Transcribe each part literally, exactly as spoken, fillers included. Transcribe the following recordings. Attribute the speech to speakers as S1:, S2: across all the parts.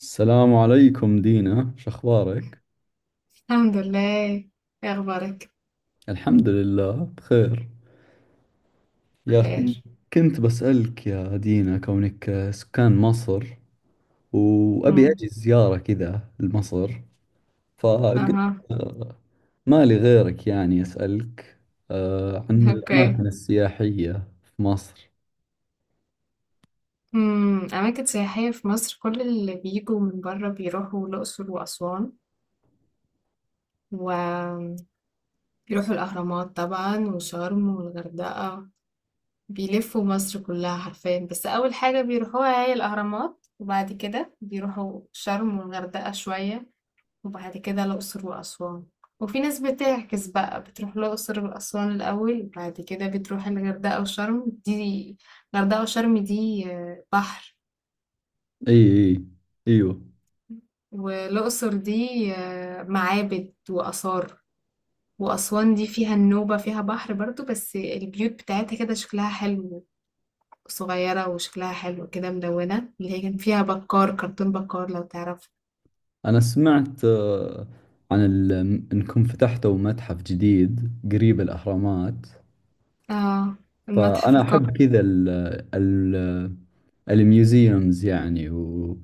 S1: السلام عليكم دينا، شخبارك؟
S2: الحمد لله. ايه اخبارك؟
S1: الحمد لله بخير يا أخي.
S2: بخير.
S1: كنت بسألك يا دينا كونك سكان مصر، وأبي
S2: امم
S1: أجي زيارة كذا لمصر، فقلت
S2: اها،
S1: آه، ما لي غيرك يعني أسألك آه، عن
S2: اوكي.
S1: الأماكن السياحية في مصر.
S2: امم اماكن سياحيه في مصر، كل اللي بيجوا من بره بيروحوا الاقصر واسوان، وبيروحوا الاهرامات طبعا وشرم والغردقه. بيلفوا مصر كلها حرفيا، بس اول حاجه بيروحوها هي الاهرامات، وبعد كده بيروحوا شرم والغردقه شويه، وبعد كده الأقصر وأسوان. وفي ناس بتعكس بقى، بتروح الأقصر وأسوان الأول، بعد كده بتروح الغردقة وشرم. دي الغردقة وشرم دي آه، بحر،
S1: إي، إي، إيوه.
S2: والأقصر دي آه، معابد وآثار. وأسوان دي فيها النوبة، فيها بحر برضو، بس البيوت بتاعتها كده شكلها حلو، صغيرة وشكلها حلو كده، ملونة، اللي هي كان فيها بكار كرتون بكار، لو تعرف.
S1: أنا سمعت آه، عن ال- إنكم فتحتوا متحف جديد قريب الأهرامات.
S2: اه، المتحف
S1: فأنا
S2: القومي.
S1: أحب كذا ال ال الميوزيومز يعني و-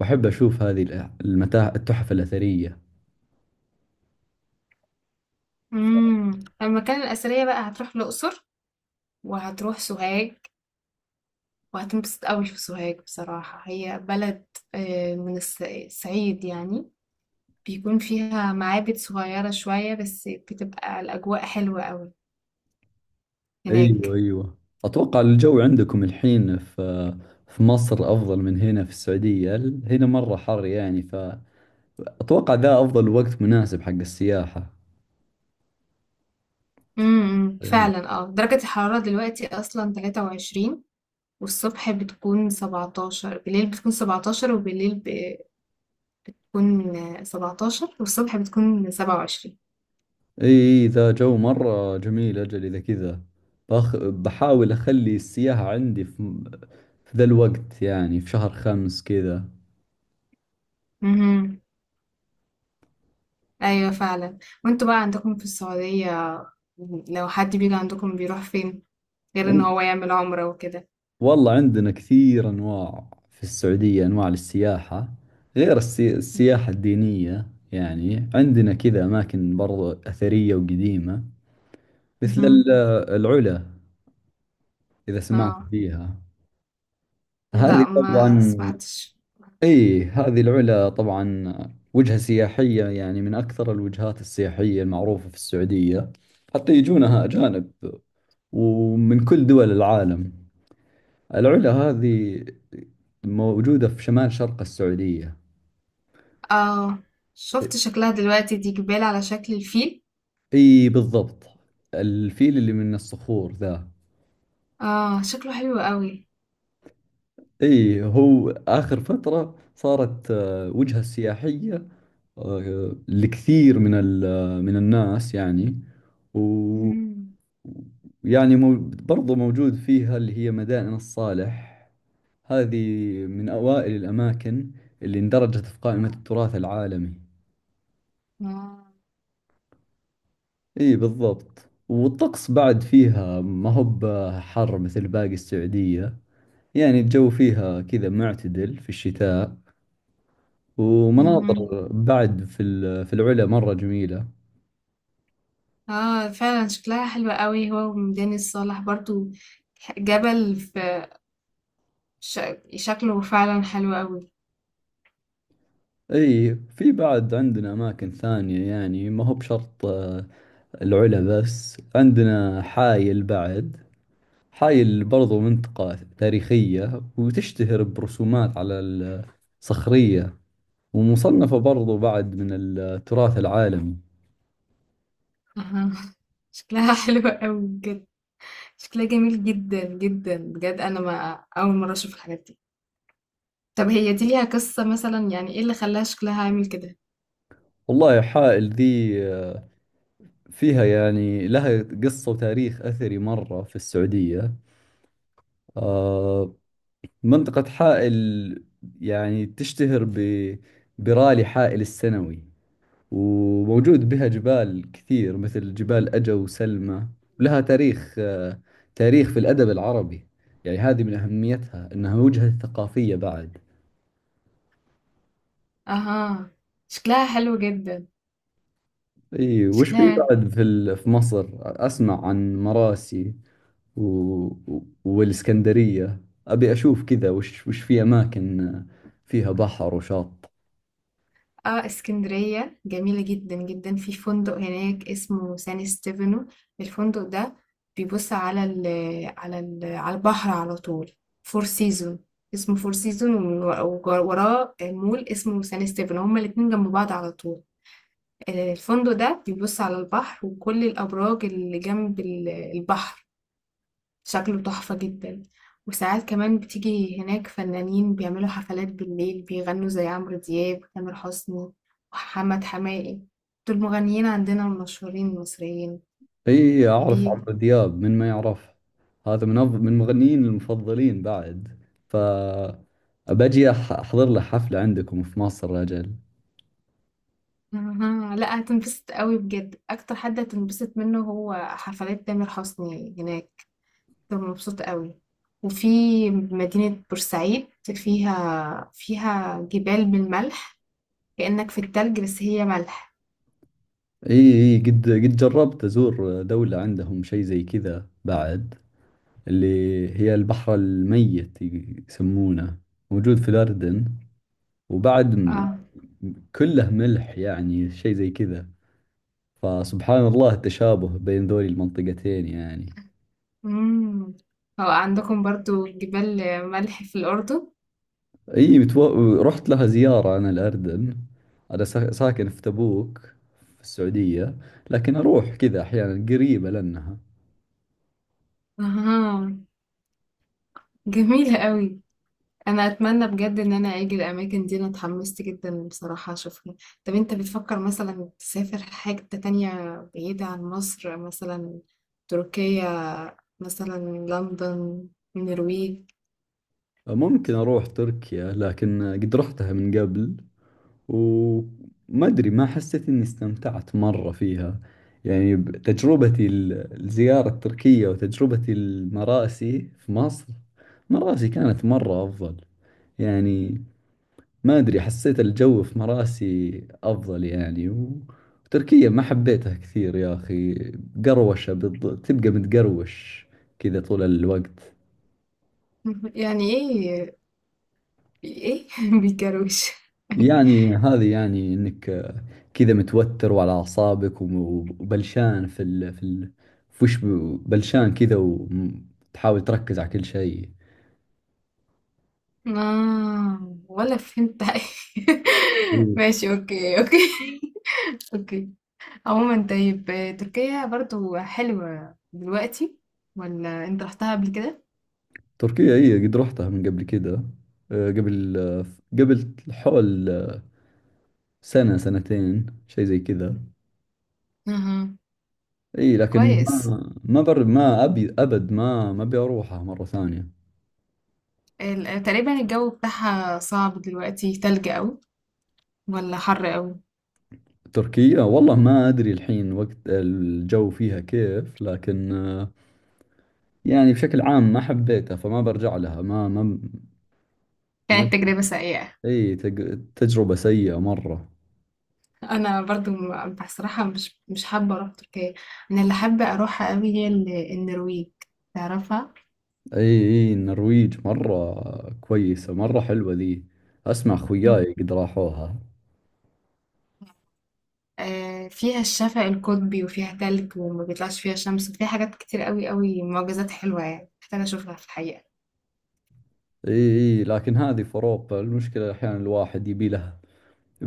S1: وأحب أشوف هذه الأ- المتاحف التحف الأثرية.
S2: امم المكان الأثرية بقى هتروح الأقصر، وهتروح سوهاج، وهتنبسط قوي في سوهاج. بصراحة هي بلد آه، من الص- الصعيد يعني، بيكون فيها معابد صغيرة شوية، بس بتبقى الأجواء حلوة قوي
S1: أيوة،
S2: هناك.
S1: أيوة. أتوقع الجو عندكم الحين في في مصر أفضل من هنا في السعودية، ال- هنا مرة حر يعني. فأتوقع ذا أفضل وقت مناسب حق السياحة
S2: امم إمم،
S1: يعني.
S2: فعلا، اه درجة الحرارة دلوقتي أصلا تلاتة وعشرين، والصبح بتكون سبعتاشر، بالليل بتكون سبعتاشر، وبالليل بتكون سبعتاشر، والصبح بتكون سبعة وعشرين.
S1: إي، إي، ذا جو مرة جميل أجل إذا كذا. بأخ... بحاول أخلي السياحة عندي في, في ذا الوقت، يعني في شهر خمس كذا.
S2: امم ايوه فعلا. وانتوا بقى عندكم في السعودية، لو حد بيجي عندكم بيروح فين غير ان هو يعمل عمرة وكده؟
S1: والله عندنا كثير أنواع في السعودية، أنواع للسياحة غير السي... السياحة الدينية. يعني عندنا كذا أماكن برضو أثرية وقديمة، مثل
S2: مهم.
S1: ال- العلا، إذا سمعت
S2: اه.
S1: فيها. هذه
S2: لا، ما
S1: طبعا،
S2: سمعتش.
S1: أي هذه العلا طبعا وجهة سياحية، يعني من أكثر الوجهات السياحية المعروفة في السعودية، حتى يجونها أجانب ومن كل دول العالم. العلا هذه موجودة في شمال شرق السعودية.
S2: اه، شفت شكلها دلوقتي، دي جبال على شكل الفيل.
S1: اي بالضبط، الفيل اللي من الصخور ذا.
S2: اه شكله حلو قوي.
S1: اي، هو اخر فترة صارت آه، وجهة سياحية آه، لكثير من ال- آه، من الناس يعني. و
S2: مم.
S1: يعني مو برضو موجود فيها اللي هي مدائن الصالح، هذه من أوائل الأماكن اللي اندرجت في قائمة التراث العالمي.
S2: اه.
S1: اي بالضبط، والطقس بعد فيها ما هو بحر مثل باقي السعودية. يعني الجو فيها كذا معتدل في الشتاء،
S2: مهم.
S1: ومناظر بعد في ال- في العلا مرة جميلة.
S2: اه فعلا شكلها حلو قوي، هو وميدان الصالح برضو. جبل في ش... شكله فعلا حلو قوي.
S1: اي، في بعد عندنا اماكن ثانية، يعني ما هو بشرط آه، العلا بس، عندنا حايل بعد. حايل برضو منطقة تاريخية وتشتهر برسومات على الصخرية، ومصنفة برضو بعد من التراث العالمي.
S2: آه. شكلها حلو قوي بجد، شكلها جميل جدا جدا بجد. انا ما اول مره اشوف الحاجات دي. طب هي دي ليها قصه مثلا؟ يعني ايه اللي خلاها شكلها عامل كده؟
S1: والله حائل ذي آه، فيها يعني لها قصة وتاريخ أثري مرة في السعودية. آه، منطقة حائل يعني تشتهر ب برالي حائل السنوي، وموجود بها جبال كثير مثل جبال أجا وسلمى. ولها تاريخ آه، تاريخ في الأدب العربي. يعني هذه من أهميتها أنها وجهة ثقافية بعد.
S2: اها، شكلها حلو جدا.
S1: إي. وش في
S2: شكلها
S1: بعد في ال- في مصر؟ أسمع عن مراسي و... و- والإسكندرية. أبي أشوف كذا، وش وش في أماكن آه، فيها بحر وشاطئ.
S2: اه. اسكندريه جميله جدا جدا. في فندق هناك اسمه سان ستيفانو، الفندق ده بيبص على ال على ال على البحر على طول. فور سيزون، اسمه فور سيزون، ووراه مول اسمه سان ستيفانو، هما الاتنين جنب بعض على طول. الفندق ده بيبص على البحر وكل الأبراج اللي جنب ال- البحر، شكله تحفة جدا. وساعات كمان بتيجي هناك فنانين بيعملوا حفلات بالليل، بيغنوا زي عمرو دياب وتامر حسني ومحمد حماقي، دول مغنيين عندنا المشهورين المصريين.
S1: اي اعرف
S2: بي...
S1: عمرو دياب، من ما يعرف. هذا من أف- من مغنيين المفضلين بعد. ف أبجي أح- احضر له حفلة عندكم في مصر اجل.
S2: مهم. لا، هتنبسط قوي بجد. أكتر حد هتنبسط منه هو حفلات تامر حسني هناك، كنت مبسوطة قوي. وفي مدينة بورسعيد، فيها فيها جبال بالملح، كأنك في التلج بس هي ملح.
S1: اي، اي، قد قد جربت ازور دولة عندهم شيء زي كذا بعد، اللي هي البحر الميت ي- يسمونه، موجود في الأردن. وبعد م-
S2: اه.
S1: كله ملح، يعني شيء زي كذا. فسبحان الله التشابه بين ذولي المنطقتين يعني.
S2: امم هو عندكم برضو جبال ملح في الأردن؟
S1: اي بتو... رحت لها زيارة انا الاردن. انا سا- ساكن في تبوك في السعودية، لكن اروح كذا احيانا قريبة لانها.
S2: اها، جميلة قوي. انا اتمنى بجد ان انا اجي الاماكن دي، انا اتحمست جدا بصراحة اشوفها. طب انت بتفكر مثلا تسافر حاجة تانية بعيدة عن مصر؟ مثلا تركيا، مثلا لندن، النرويج.
S1: ممكن اروح تركيا، لكن قد رحتها من قبل وما ادري، ما حسيت اني استمتعت مرة فيها. يعني ب- تجربتي ال- الزيارة التركية وتجربتي المراسي في مصر، مراسي كانت مرة افضل يعني. ما أدري، حسيت الجو في مراسي أفضل يعني و- وتركيا ما حبيتها كثير يا أخي، قروشة بالض... تبقى متقروش كذا طول الوقت.
S2: يعني إيه؟ إيه؟ بيكروش؟
S1: يعني هذه يعني إنك آه، كذا متوتر وعلى أعصابك وم- وبلشان في ال... في ال... في وش ب- بلشان كذا وتحاول تركز على كل شيء.
S2: آه، ولا فهمت حاجة.
S1: إيه.
S2: ماشي، أوكي أوكي. أوكي. عموما طيب، تركيا برضو حلوة دلوقتي، ولا أنت رحتها قبل كده؟
S1: تركيا هي قد رحتها من قبل كذا، آه، قبل آه، قبل حول سنة سنتين شيء زي كذا.
S2: أها،
S1: اي لكن
S2: كويس.
S1: ما ما بر ما ابي ابد ما ما ابي اروحها مرة ثانية.
S2: ال- تقريبا الجو بتاعها صعب دلوقتي، تلج أوي ولا حر أوي؟
S1: تركيا والله، ما ادري الحين وقت الجو فيها كيف، لكن آه، يعني بشكل عام ما حبيتها، فما برجع لها ما ما ما
S2: كانت تجربة سيئة.
S1: اي تج- تجربة سيئة مرة.
S2: أنا برضو م- بصراحة مش مش حابة أروح تركيا. أنا اللي حابة أروحها أوي هي ال- النرويج، تعرفها؟
S1: اي، اي، النرويج مرة كويسة، مرة حلوة ذي، اسمع
S2: مم.
S1: خوياي قد راحوها.
S2: آه، فيها الشفق القطبي وفيها تلج وما بيطلعش فيها شمس، وفيها حاجات كتير أوي أوي، معجزات حلوة يعني، محتاجة أشوفها في الحقيقة.
S1: اي، اي، لكن هذه في اوروبا. المشكلة احيانا الواحد يبي لها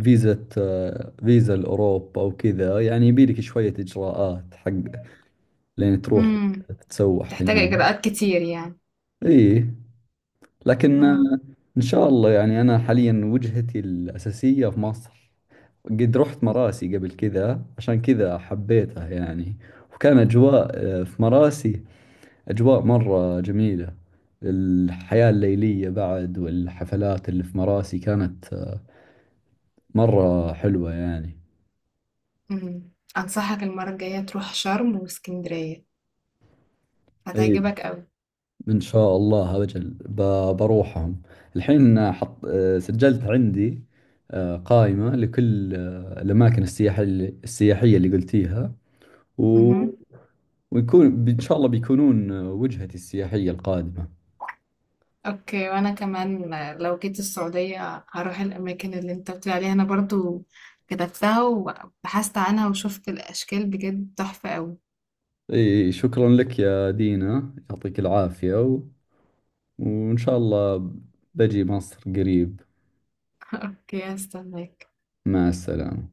S1: فيزا، آه، فيزا لأوروبا وكذا يعني، يبيلك شوية إجراءات حق لين تروح
S2: امم.
S1: تتسوح
S2: تحتاج
S1: هنا.
S2: إجراءات كتير يعني؟
S1: إيه، لكن آه،
S2: آه.
S1: إن شاء الله يعني أنا حاليا وجهتي الأساسية في مصر. قد رحت
S2: مم.
S1: مراسي قبل كذا عشان كذا حبيتها يعني. وكان أجواء آه، في مراسي أجواء مرة جميلة. الحياة الليلية بعد والحفلات اللي في مراسي كانت آه، مرة حلوة يعني.
S2: امم. أنصحك المرة الجاية تروح شرم واسكندرية،
S1: إيه،
S2: هتعجبك
S1: إن شاء الله أجل ب- بروحهم الحين. حط آه، سجلت عندي آه، قائمة لكل آه، الأماكن السياحية اللي السياحية اللي قلتيها و...
S2: أوي.
S1: ويكون إن شاء الله بيكونون آه، وجهتي السياحية القادمة.
S2: اوكي، وانا كمان لو جيت السعودية هروح الاماكن اللي انت بتقول عليها. انا برضو كتبتها وبحثت عنها وشفت الاشكال، بجد تحفة قوي.
S1: إي، شكرا لك يا دينا، يعطيك العافية و... وإن شاء الله بجي مصر قريب.
S2: اوكي، هستناك.
S1: مع السلامة.